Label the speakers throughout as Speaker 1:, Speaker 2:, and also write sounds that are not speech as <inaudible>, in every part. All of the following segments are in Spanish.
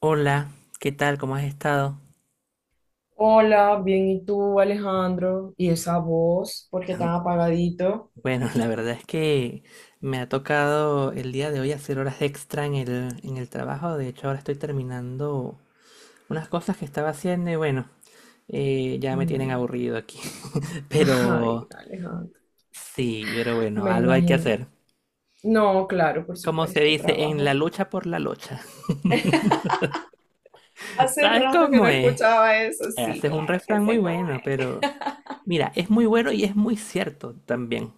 Speaker 1: Hola, ¿qué tal? ¿Cómo has estado?
Speaker 2: Hola, bien, ¿y tú, Alejandro? ¿Y esa voz? ¿Por qué tan apagadito?
Speaker 1: Bueno, <laughs> la verdad es que me ha tocado el día de hoy hacer horas extra en el trabajo. De hecho, ahora estoy terminando unas cosas que estaba haciendo y bueno, ya me tienen
Speaker 2: Mm.
Speaker 1: aburrido aquí. <laughs>
Speaker 2: <laughs> Ay,
Speaker 1: Pero
Speaker 2: Alejandro,
Speaker 1: sí, pero bueno,
Speaker 2: me
Speaker 1: algo hay que
Speaker 2: imagino.
Speaker 1: hacer.
Speaker 2: No, claro, por
Speaker 1: Como se
Speaker 2: supuesto,
Speaker 1: dice, en la
Speaker 2: trabajo.
Speaker 1: lucha por la lucha. <laughs>
Speaker 2: Hace
Speaker 1: ¿Sabes
Speaker 2: rato que
Speaker 1: cómo
Speaker 2: no
Speaker 1: es?
Speaker 2: escuchaba eso, sí,
Speaker 1: Ese es un
Speaker 2: claro que
Speaker 1: refrán muy
Speaker 2: sé cómo.
Speaker 1: bueno, pero mira, es muy bueno y es muy cierto también.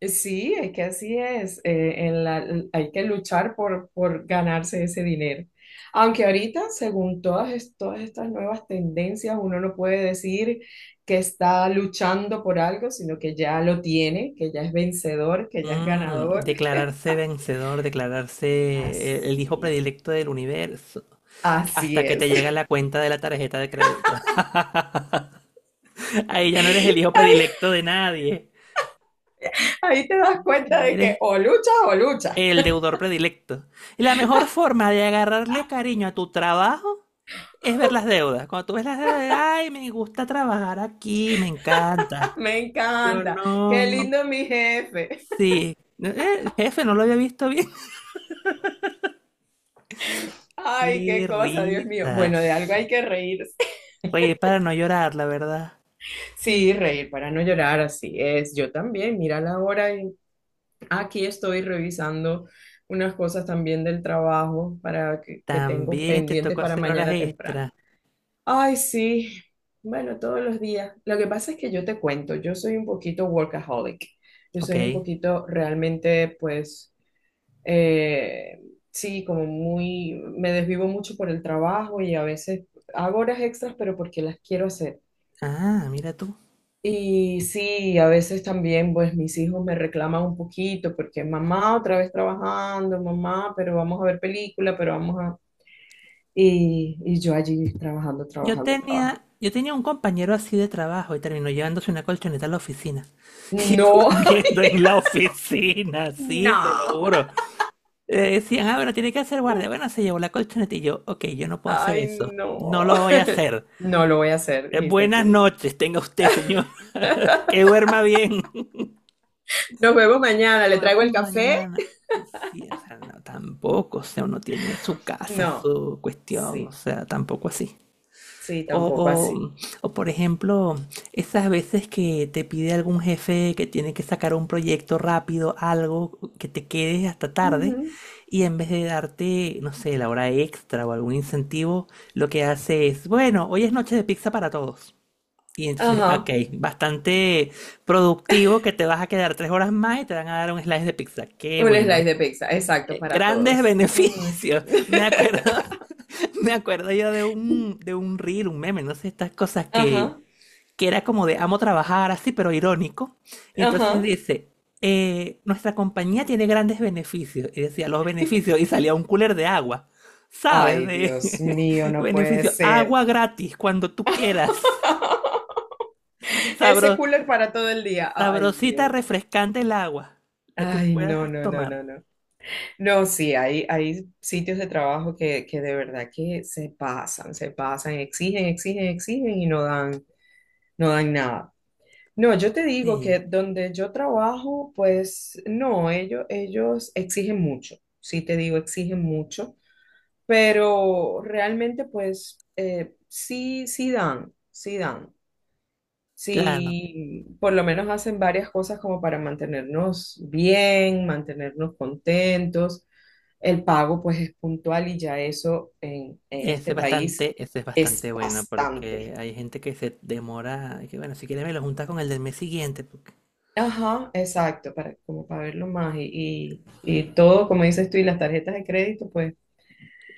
Speaker 2: Sí, es que así es. Hay que luchar por ganarse ese dinero. Aunque ahorita, según todas, todas estas nuevas tendencias, uno no puede decir que está luchando por algo, sino que ya lo tiene, que ya es vencedor, que ya es
Speaker 1: Mm,
Speaker 2: ganador.
Speaker 1: declararse vencedor, declararse el hijo
Speaker 2: Así.
Speaker 1: predilecto del universo,
Speaker 2: Así
Speaker 1: hasta que
Speaker 2: es.
Speaker 1: te llega
Speaker 2: <laughs>
Speaker 1: la cuenta de la tarjeta de crédito. <laughs> Ahí ya no eres el hijo
Speaker 2: Ahí,
Speaker 1: predilecto de nadie,
Speaker 2: ahí te das cuenta
Speaker 1: ahí
Speaker 2: de
Speaker 1: eres
Speaker 2: que o luchas o luchas.
Speaker 1: el deudor predilecto. Y la mejor forma de agarrarle cariño a tu trabajo es ver las deudas. Cuando tú ves las deudas, ay, me gusta trabajar aquí, me encanta.
Speaker 2: <laughs> Me
Speaker 1: Yo
Speaker 2: encanta. Qué
Speaker 1: no.
Speaker 2: lindo mi jefe.
Speaker 1: Sí. Jefe, no lo había visto bien. <laughs>
Speaker 2: Ay,
Speaker 1: Qué
Speaker 2: qué cosa, Dios mío.
Speaker 1: risa.
Speaker 2: Bueno, de algo hay que reír.
Speaker 1: Oye, para no llorar, la verdad.
Speaker 2: Sí, reír para no llorar, así es. Yo también, mira la hora y aquí estoy revisando unas cosas también del trabajo para que tengo
Speaker 1: También te
Speaker 2: pendiente
Speaker 1: tocó
Speaker 2: para
Speaker 1: hacer horas
Speaker 2: mañana temprano.
Speaker 1: extra.
Speaker 2: Ay, sí. Bueno, todos los días. Lo que pasa es que yo te cuento, yo soy un poquito workaholic. Yo soy un
Speaker 1: Ok.
Speaker 2: poquito realmente, pues, eh, sí, como muy, me desvivo mucho por el trabajo y a veces hago horas extras, pero porque las quiero hacer.
Speaker 1: Ah, mira tú.
Speaker 2: Y sí, a veces también pues mis hijos me reclaman un poquito porque mamá otra vez trabajando, mamá, pero vamos a ver película, pero vamos a... Y yo allí trabajando,
Speaker 1: Yo
Speaker 2: trabajando, trabajando.
Speaker 1: tenía, yo tenía un compañero así de trabajo y terminó llevándose una colchoneta a la oficina. <laughs> Y
Speaker 2: No, <laughs>
Speaker 1: durmiendo en la oficina, sí, te lo
Speaker 2: No.
Speaker 1: juro. Decían, ah, bueno, tiene que hacer guardia. Bueno, se llevó la colchoneta y yo, ok, yo no puedo hacer
Speaker 2: Ay,
Speaker 1: eso. No
Speaker 2: no.
Speaker 1: lo voy a hacer.
Speaker 2: No lo voy a hacer, dijiste
Speaker 1: Buenas
Speaker 2: tú.
Speaker 1: noches, tenga usted, señor. <laughs> Que duerma bien.
Speaker 2: Nos vemos mañana, ¿le
Speaker 1: Nos
Speaker 2: traigo
Speaker 1: vemos
Speaker 2: el café?
Speaker 1: mañana. Sí, o sea, no, tampoco, o sea, uno tiene su casa,
Speaker 2: No,
Speaker 1: su cuestión, o
Speaker 2: sí,
Speaker 1: sea, tampoco así.
Speaker 2: sí,
Speaker 1: O,
Speaker 2: tampoco así.
Speaker 1: o, o, por ejemplo, esas veces que te pide algún jefe que tiene que sacar un proyecto rápido, algo que te quedes hasta tarde,
Speaker 2: Ujú.
Speaker 1: y en vez de darte, no sé, la hora extra o algún incentivo, lo que hace es, bueno, hoy es noche de pizza para todos. Y entonces, ok,
Speaker 2: Ajá,
Speaker 1: bastante productivo que te vas a quedar 3 horas más y te van a dar un slice de pizza. Qué
Speaker 2: un slice
Speaker 1: bueno.
Speaker 2: de pizza, exacto, para
Speaker 1: Grandes
Speaker 2: todos. Mm.
Speaker 1: beneficios. <laughs> Me
Speaker 2: <laughs>
Speaker 1: acuerdo, <laughs> me acuerdo yo de un reel, un meme, no sé, estas cosas
Speaker 2: Ajá.
Speaker 1: que era como de amo trabajar así, pero irónico. Y entonces
Speaker 2: Ajá.
Speaker 1: dice, nuestra compañía tiene grandes beneficios. Y decía, los beneficios, y salía un cooler de agua. ¿Sabes?
Speaker 2: Ay,
Speaker 1: De
Speaker 2: Dios mío,
Speaker 1: <laughs>
Speaker 2: no puede
Speaker 1: beneficio,
Speaker 2: ser.
Speaker 1: agua gratis cuando tú quieras.
Speaker 2: <laughs> Ese
Speaker 1: Sabro,
Speaker 2: cooler para todo el día. Ay,
Speaker 1: Sabrosita,
Speaker 2: Dios.
Speaker 1: refrescante el agua, la que
Speaker 2: Ay, no,
Speaker 1: puedas
Speaker 2: no, no,
Speaker 1: tomar.
Speaker 2: no, no. No, sí, hay sitios de trabajo que de verdad que se pasan, exigen, exigen, exigen y no dan, no dan nada. No, yo te digo
Speaker 1: Sí,
Speaker 2: que donde yo trabajo, pues no, ellos exigen mucho. Sí, te digo, exigen mucho. Pero realmente pues sí, sí dan, sí dan.
Speaker 1: claro.
Speaker 2: Sí, por lo menos hacen varias cosas como para mantenernos bien, mantenernos contentos. El pago pues es puntual y ya eso en este país
Speaker 1: Ese es bastante
Speaker 2: es
Speaker 1: bueno porque
Speaker 2: bastante.
Speaker 1: hay gente que se demora, que bueno, si quieres me lo juntas con el del mes siguiente. Porque...
Speaker 2: Ajá, exacto, para, como para verlo más y, y todo, como dices tú, y las tarjetas de crédito pues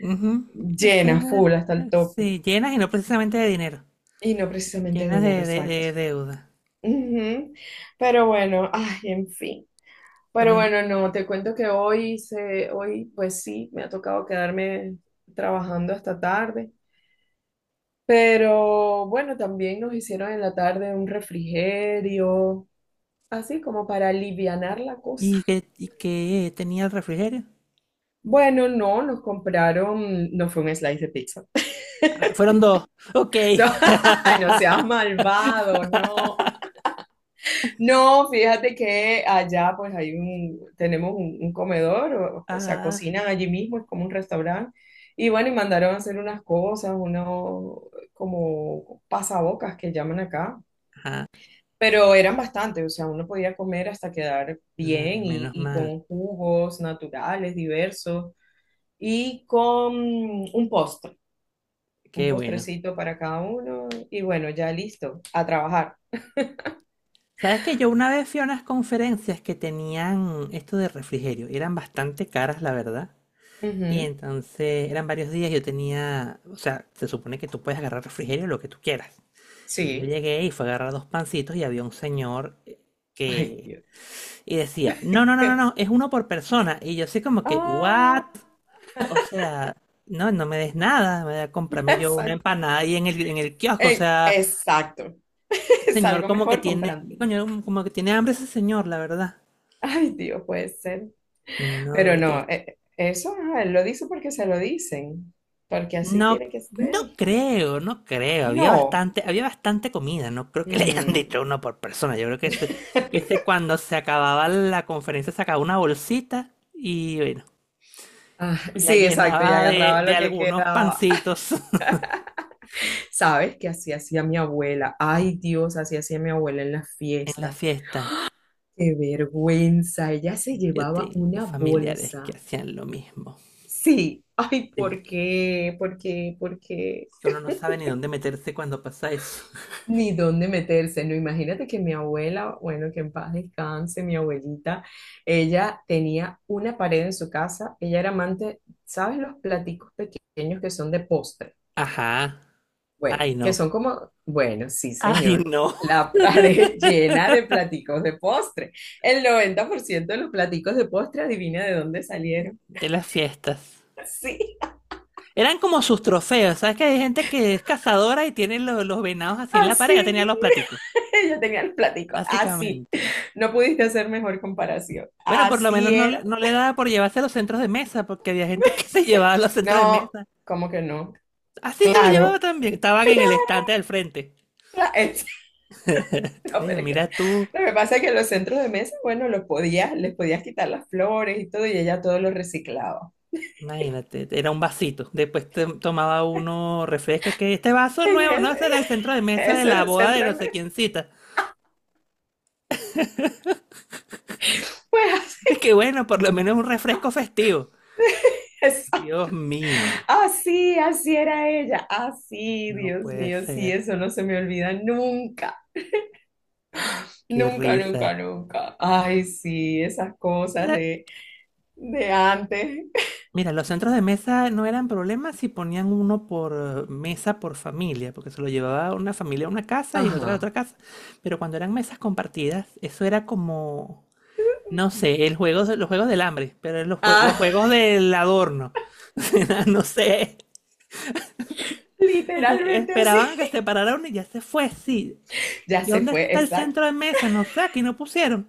Speaker 1: Ujú, ese
Speaker 2: llenas, full hasta el tope.
Speaker 1: sí, llenas y no precisamente de dinero,
Speaker 2: Y no precisamente
Speaker 1: llenas
Speaker 2: dinero,
Speaker 1: de, de-
Speaker 2: exacto.
Speaker 1: de deuda.
Speaker 2: Ujú. Pero bueno, ay, en fin. Pero
Speaker 1: Bueno,
Speaker 2: bueno, no, te cuento que hoy, pues sí, me ha tocado quedarme trabajando hasta tarde. Pero bueno, también nos hicieron en la tarde un refrigerio, así como para alivianar la cosa.
Speaker 1: y qué tenía el refrigerio?
Speaker 2: Bueno, no, nos compraron, no fue un slice de pizza. <laughs>
Speaker 1: Ah, fueron dos. Ok.
Speaker 2: No, <laughs> no seas
Speaker 1: <laughs>
Speaker 2: malvado, no. No, fíjate que allá pues tenemos un comedor, o sea,
Speaker 1: Ah,
Speaker 2: cocinan allí mismo, es como un restaurante. Y bueno, y mandaron a hacer unas cosas, unos como pasabocas que llaman acá,
Speaker 1: ah,
Speaker 2: pero eran bastantes, o sea, uno podía comer hasta quedar
Speaker 1: ah,
Speaker 2: bien y,
Speaker 1: menos
Speaker 2: y
Speaker 1: mal.
Speaker 2: con jugos naturales diversos y con un postre, un
Speaker 1: Qué bueno.
Speaker 2: postrecito para cada uno. Y bueno, ya listo, a trabajar.
Speaker 1: Sabes que yo una vez fui a unas conferencias que tenían esto de refrigerio, y eran bastante caras, la verdad. Y
Speaker 2: Ujú.
Speaker 1: entonces eran varios días, yo tenía, o sea, se supone que tú puedes agarrar refrigerio lo que tú quieras. Entonces yo
Speaker 2: Sí.
Speaker 1: llegué y fue a agarrar dos pancitos y había un señor
Speaker 2: Ay,
Speaker 1: que
Speaker 2: Dios.
Speaker 1: y decía, "No, no, no, no, no, es uno por persona." Y yo así como que,
Speaker 2: Ah.
Speaker 1: "What?" O sea, no, no me des nada, me voy a comprarme yo una
Speaker 2: Exacto.
Speaker 1: empanada ahí en el kiosco, o sea,
Speaker 2: Exacto. <laughs>
Speaker 1: señor
Speaker 2: Salgo
Speaker 1: como que
Speaker 2: mejor
Speaker 1: tiene,
Speaker 2: comprando.
Speaker 1: coño, como que tiene hambre ese señor, la verdad.
Speaker 2: Ay, Dios, puede ser.
Speaker 1: No,
Speaker 2: Pero
Speaker 1: qué
Speaker 2: no,
Speaker 1: triste.
Speaker 2: eso ah, lo dice porque se lo dicen. Porque así
Speaker 1: No,
Speaker 2: tiene que
Speaker 1: no
Speaker 2: ser.
Speaker 1: creo, no creo.
Speaker 2: No.
Speaker 1: Había bastante comida. No creo que le hayan <laughs>
Speaker 2: Mm.
Speaker 1: dicho uno por persona. Yo creo que ese cuando se acababa la conferencia sacaba una bolsita y bueno,
Speaker 2: Ah,
Speaker 1: y la
Speaker 2: sí, exacto. Y
Speaker 1: llenaba
Speaker 2: agarraba
Speaker 1: de
Speaker 2: lo que
Speaker 1: algunos
Speaker 2: quedaba.
Speaker 1: pancitos <laughs>
Speaker 2: ¿Sabes qué así hacía mi abuela? Ay, Dios, así hacía mi abuela en las
Speaker 1: en la
Speaker 2: fiestas.
Speaker 1: fiesta.
Speaker 2: Qué vergüenza. Ella se
Speaker 1: Yo
Speaker 2: llevaba
Speaker 1: tengo
Speaker 2: una
Speaker 1: familiares que
Speaker 2: bolsa.
Speaker 1: hacían lo mismo.
Speaker 2: Sí. Ay,
Speaker 1: Sí,
Speaker 2: ¿por qué? ¿Por qué? ¿Por qué?
Speaker 1: que uno no sabe ni dónde meterse cuando pasa eso.
Speaker 2: Ni dónde meterse, ¿no? Imagínate que mi abuela, bueno, que en paz descanse, mi abuelita, ella tenía una pared en su casa, ella era amante, ¿sabes los platicos pequeños que son de postre?
Speaker 1: Ajá.
Speaker 2: Bueno,
Speaker 1: Ay,
Speaker 2: que
Speaker 1: no.
Speaker 2: son como, bueno, sí,
Speaker 1: Ay,
Speaker 2: señor,
Speaker 1: no.
Speaker 2: la pared <laughs> llena de platicos de postre. El 90% de los platicos de postre, adivina de dónde salieron.
Speaker 1: De las fiestas.
Speaker 2: Sí,
Speaker 1: Eran como sus trofeos. ¿Sabes que hay gente que es cazadora y tiene los venados así en la pared? Ya tenía
Speaker 2: así.
Speaker 1: los platicos,
Speaker 2: <laughs> Ella tenía el platico, así.
Speaker 1: básicamente.
Speaker 2: No pudiste hacer mejor comparación.
Speaker 1: Bueno, por lo
Speaker 2: Así
Speaker 1: menos no,
Speaker 2: era.
Speaker 1: no le daba por llevarse los centros de mesa, porque había gente que <laughs> se
Speaker 2: <laughs>
Speaker 1: llevaba los centros de
Speaker 2: No,
Speaker 1: mesa.
Speaker 2: ¿cómo que no?
Speaker 1: Así se los llevaba
Speaker 2: Claro,
Speaker 1: también. Estaban en el
Speaker 2: claro.
Speaker 1: estante del frente.
Speaker 2: cla- <laughs> es- No, pero es que
Speaker 1: Mira tú,
Speaker 2: lo que pasa es que los centros de mesa, bueno, los podías, les podías quitar las flores y todo, y ella todo lo reciclaba.
Speaker 1: imagínate, era un vasito. Después tomaba uno refresco, que este vaso
Speaker 2: En
Speaker 1: nuevo, no,
Speaker 2: el-
Speaker 1: ese era el centro
Speaker 2: <laughs>
Speaker 1: de mesa de
Speaker 2: ese
Speaker 1: la
Speaker 2: del
Speaker 1: boda de
Speaker 2: centro de
Speaker 1: no sé
Speaker 2: mesa.
Speaker 1: quién cita.
Speaker 2: Pues
Speaker 1: <laughs> Es que bueno, por lo menos un
Speaker 2: <laughs> así.
Speaker 1: refresco festivo.
Speaker 2: Eso.
Speaker 1: Dios mío,
Speaker 2: Así, así era ella. Así,
Speaker 1: no
Speaker 2: Dios
Speaker 1: puede
Speaker 2: mío, sí,
Speaker 1: ser.
Speaker 2: eso no se me olvida nunca,
Speaker 1: Qué
Speaker 2: nunca,
Speaker 1: risa.
Speaker 2: nunca, nunca. Ay, sí, esas cosas
Speaker 1: Eh,
Speaker 2: de, antes.
Speaker 1: Mira, los centros de mesa no eran problemas si ponían uno por mesa por familia, porque se lo llevaba una familia a una casa y la otra a
Speaker 2: Ajá.
Speaker 1: otra casa. Pero cuando eran mesas compartidas, eso era como, no sé, el juego, los juegos del hambre, pero eran los, los
Speaker 2: Ah.
Speaker 1: juegos del adorno. <laughs> No sé. Es que
Speaker 2: Literalmente así.
Speaker 1: esperaban a que se parara uno y ya se fue, sí.
Speaker 2: Ya
Speaker 1: ¿Y
Speaker 2: se
Speaker 1: dónde
Speaker 2: fue,
Speaker 1: está el
Speaker 2: exacto.
Speaker 1: centro de mesa? No sé, aquí no pusieron.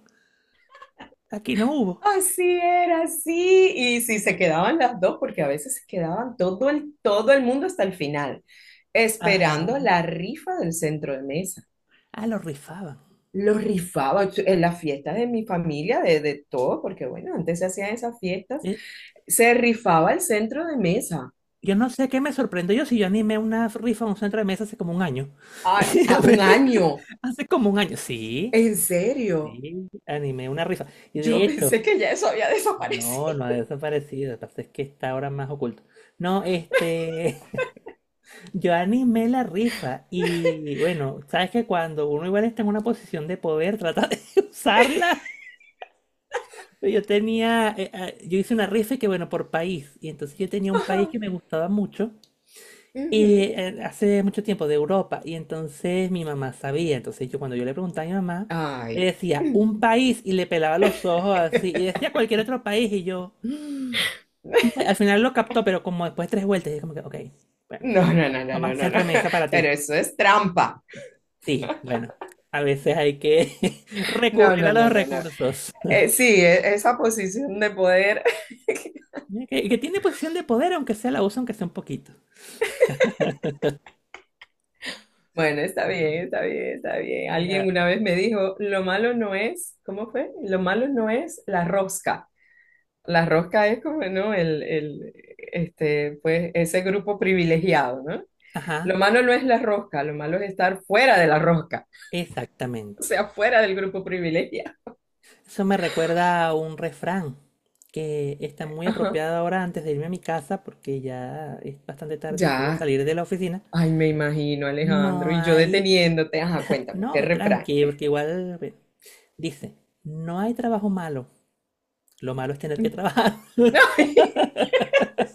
Speaker 1: Aquí no hubo.
Speaker 2: Así era, así. Y si se quedaban las dos, porque a veces se quedaban todo el mundo hasta el final, esperando
Speaker 1: Ajá.
Speaker 2: la rifa del centro de mesa.
Speaker 1: Ah, lo rifaban.
Speaker 2: Lo rifaba en las fiestas de mi familia, de todo, porque bueno, antes se hacían esas fiestas.
Speaker 1: Eh,
Speaker 2: Se rifaba el centro de mesa.
Speaker 1: Yo no sé qué me sorprendió yo si yo animé una rifa en un centro de mesa hace como un año.
Speaker 2: A un año,
Speaker 1: <laughs> Hace como un año, sí,
Speaker 2: en serio.
Speaker 1: sí, animé una rifa. Y de
Speaker 2: Yo
Speaker 1: hecho,
Speaker 2: pensé que ya eso había
Speaker 1: no,
Speaker 2: desaparecido.
Speaker 1: no ha desaparecido, lo que pasa es que está ahora más oculto. No, este, <laughs> yo animé la rifa y
Speaker 2: <laughs>
Speaker 1: bueno, sabes que cuando uno igual está en una posición de poder, trata de <laughs> usarla.
Speaker 2: <laughs>
Speaker 1: Yo tenía, yo hice una rifa y que bueno, por país, y entonces yo tenía un país que me gustaba mucho. Y
Speaker 2: Ujú.
Speaker 1: hace mucho tiempo de Europa, y entonces mi mamá sabía, entonces yo cuando yo le preguntaba a mi mamá, le
Speaker 2: Ay.
Speaker 1: decía un
Speaker 2: <laughs>
Speaker 1: país y le pelaba los ojos así, y decía cualquier otro país, y yo "Mm". Al final lo captó, pero como después de tres vueltas, y como que, ok, bueno,
Speaker 2: No, no, no, no, no,
Speaker 1: mamá,
Speaker 2: no, no.
Speaker 1: centro de mesa para
Speaker 2: Pero
Speaker 1: ti.
Speaker 2: eso es trampa.
Speaker 1: Sí, bueno, a veces hay que <laughs>
Speaker 2: No,
Speaker 1: recurrir a
Speaker 2: no, no,
Speaker 1: los
Speaker 2: no, no.
Speaker 1: recursos.
Speaker 2: Sí, esa posición de poder. <laughs>
Speaker 1: ¿Eh? Que tiene posición de poder, aunque sea la usa, aunque sea un poquito.
Speaker 2: Bueno, está bien, está bien, está bien.
Speaker 1: Mira,
Speaker 2: Alguien una vez me dijo, lo malo no es, ¿cómo fue? Lo malo no es la rosca. La rosca es como, ¿no? Este, pues, ese grupo privilegiado, ¿no?
Speaker 1: ajá,
Speaker 2: Lo malo no es la rosca, lo malo es estar fuera de la rosca, o
Speaker 1: exactamente.
Speaker 2: sea, fuera del grupo privilegiado.
Speaker 1: Eso me recuerda a un refrán que está muy
Speaker 2: Ajá.
Speaker 1: apropiado ahora antes de irme a mi casa porque ya es bastante tarde y quiero
Speaker 2: Ya,
Speaker 1: salir de la oficina.
Speaker 2: ay, me imagino, Alejandro,
Speaker 1: No
Speaker 2: y yo
Speaker 1: hay...
Speaker 2: deteniéndote, ajá, cuéntame, ¿qué
Speaker 1: No,
Speaker 2: refrán?
Speaker 1: tranqui, porque igual... bueno, dice, no hay trabajo malo. Lo malo es tener que
Speaker 2: <laughs>
Speaker 1: trabajar.
Speaker 2: Ay,
Speaker 1: <laughs>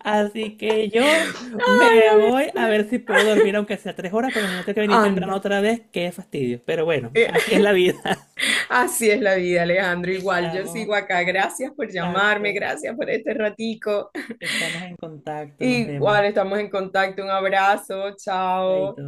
Speaker 1: Así que yo
Speaker 2: ay,
Speaker 1: me voy a
Speaker 2: Alejandro,
Speaker 1: ver si puedo dormir aunque sea 3 horas porque mañana tengo que venir temprano
Speaker 2: anda. <laughs>
Speaker 1: otra vez. Qué fastidio. Pero bueno,
Speaker 2: Eh.
Speaker 1: así es la vida. <laughs>
Speaker 2: Así es la vida, Alejandro. Igual yo
Speaker 1: Estamos...
Speaker 2: sigo acá. Gracias por llamarme,
Speaker 1: Exacto.
Speaker 2: gracias por este ratico.
Speaker 1: Estamos en contacto, nos vemos.
Speaker 2: Igual estamos en contacto. Un abrazo, chao.
Speaker 1: Chaito.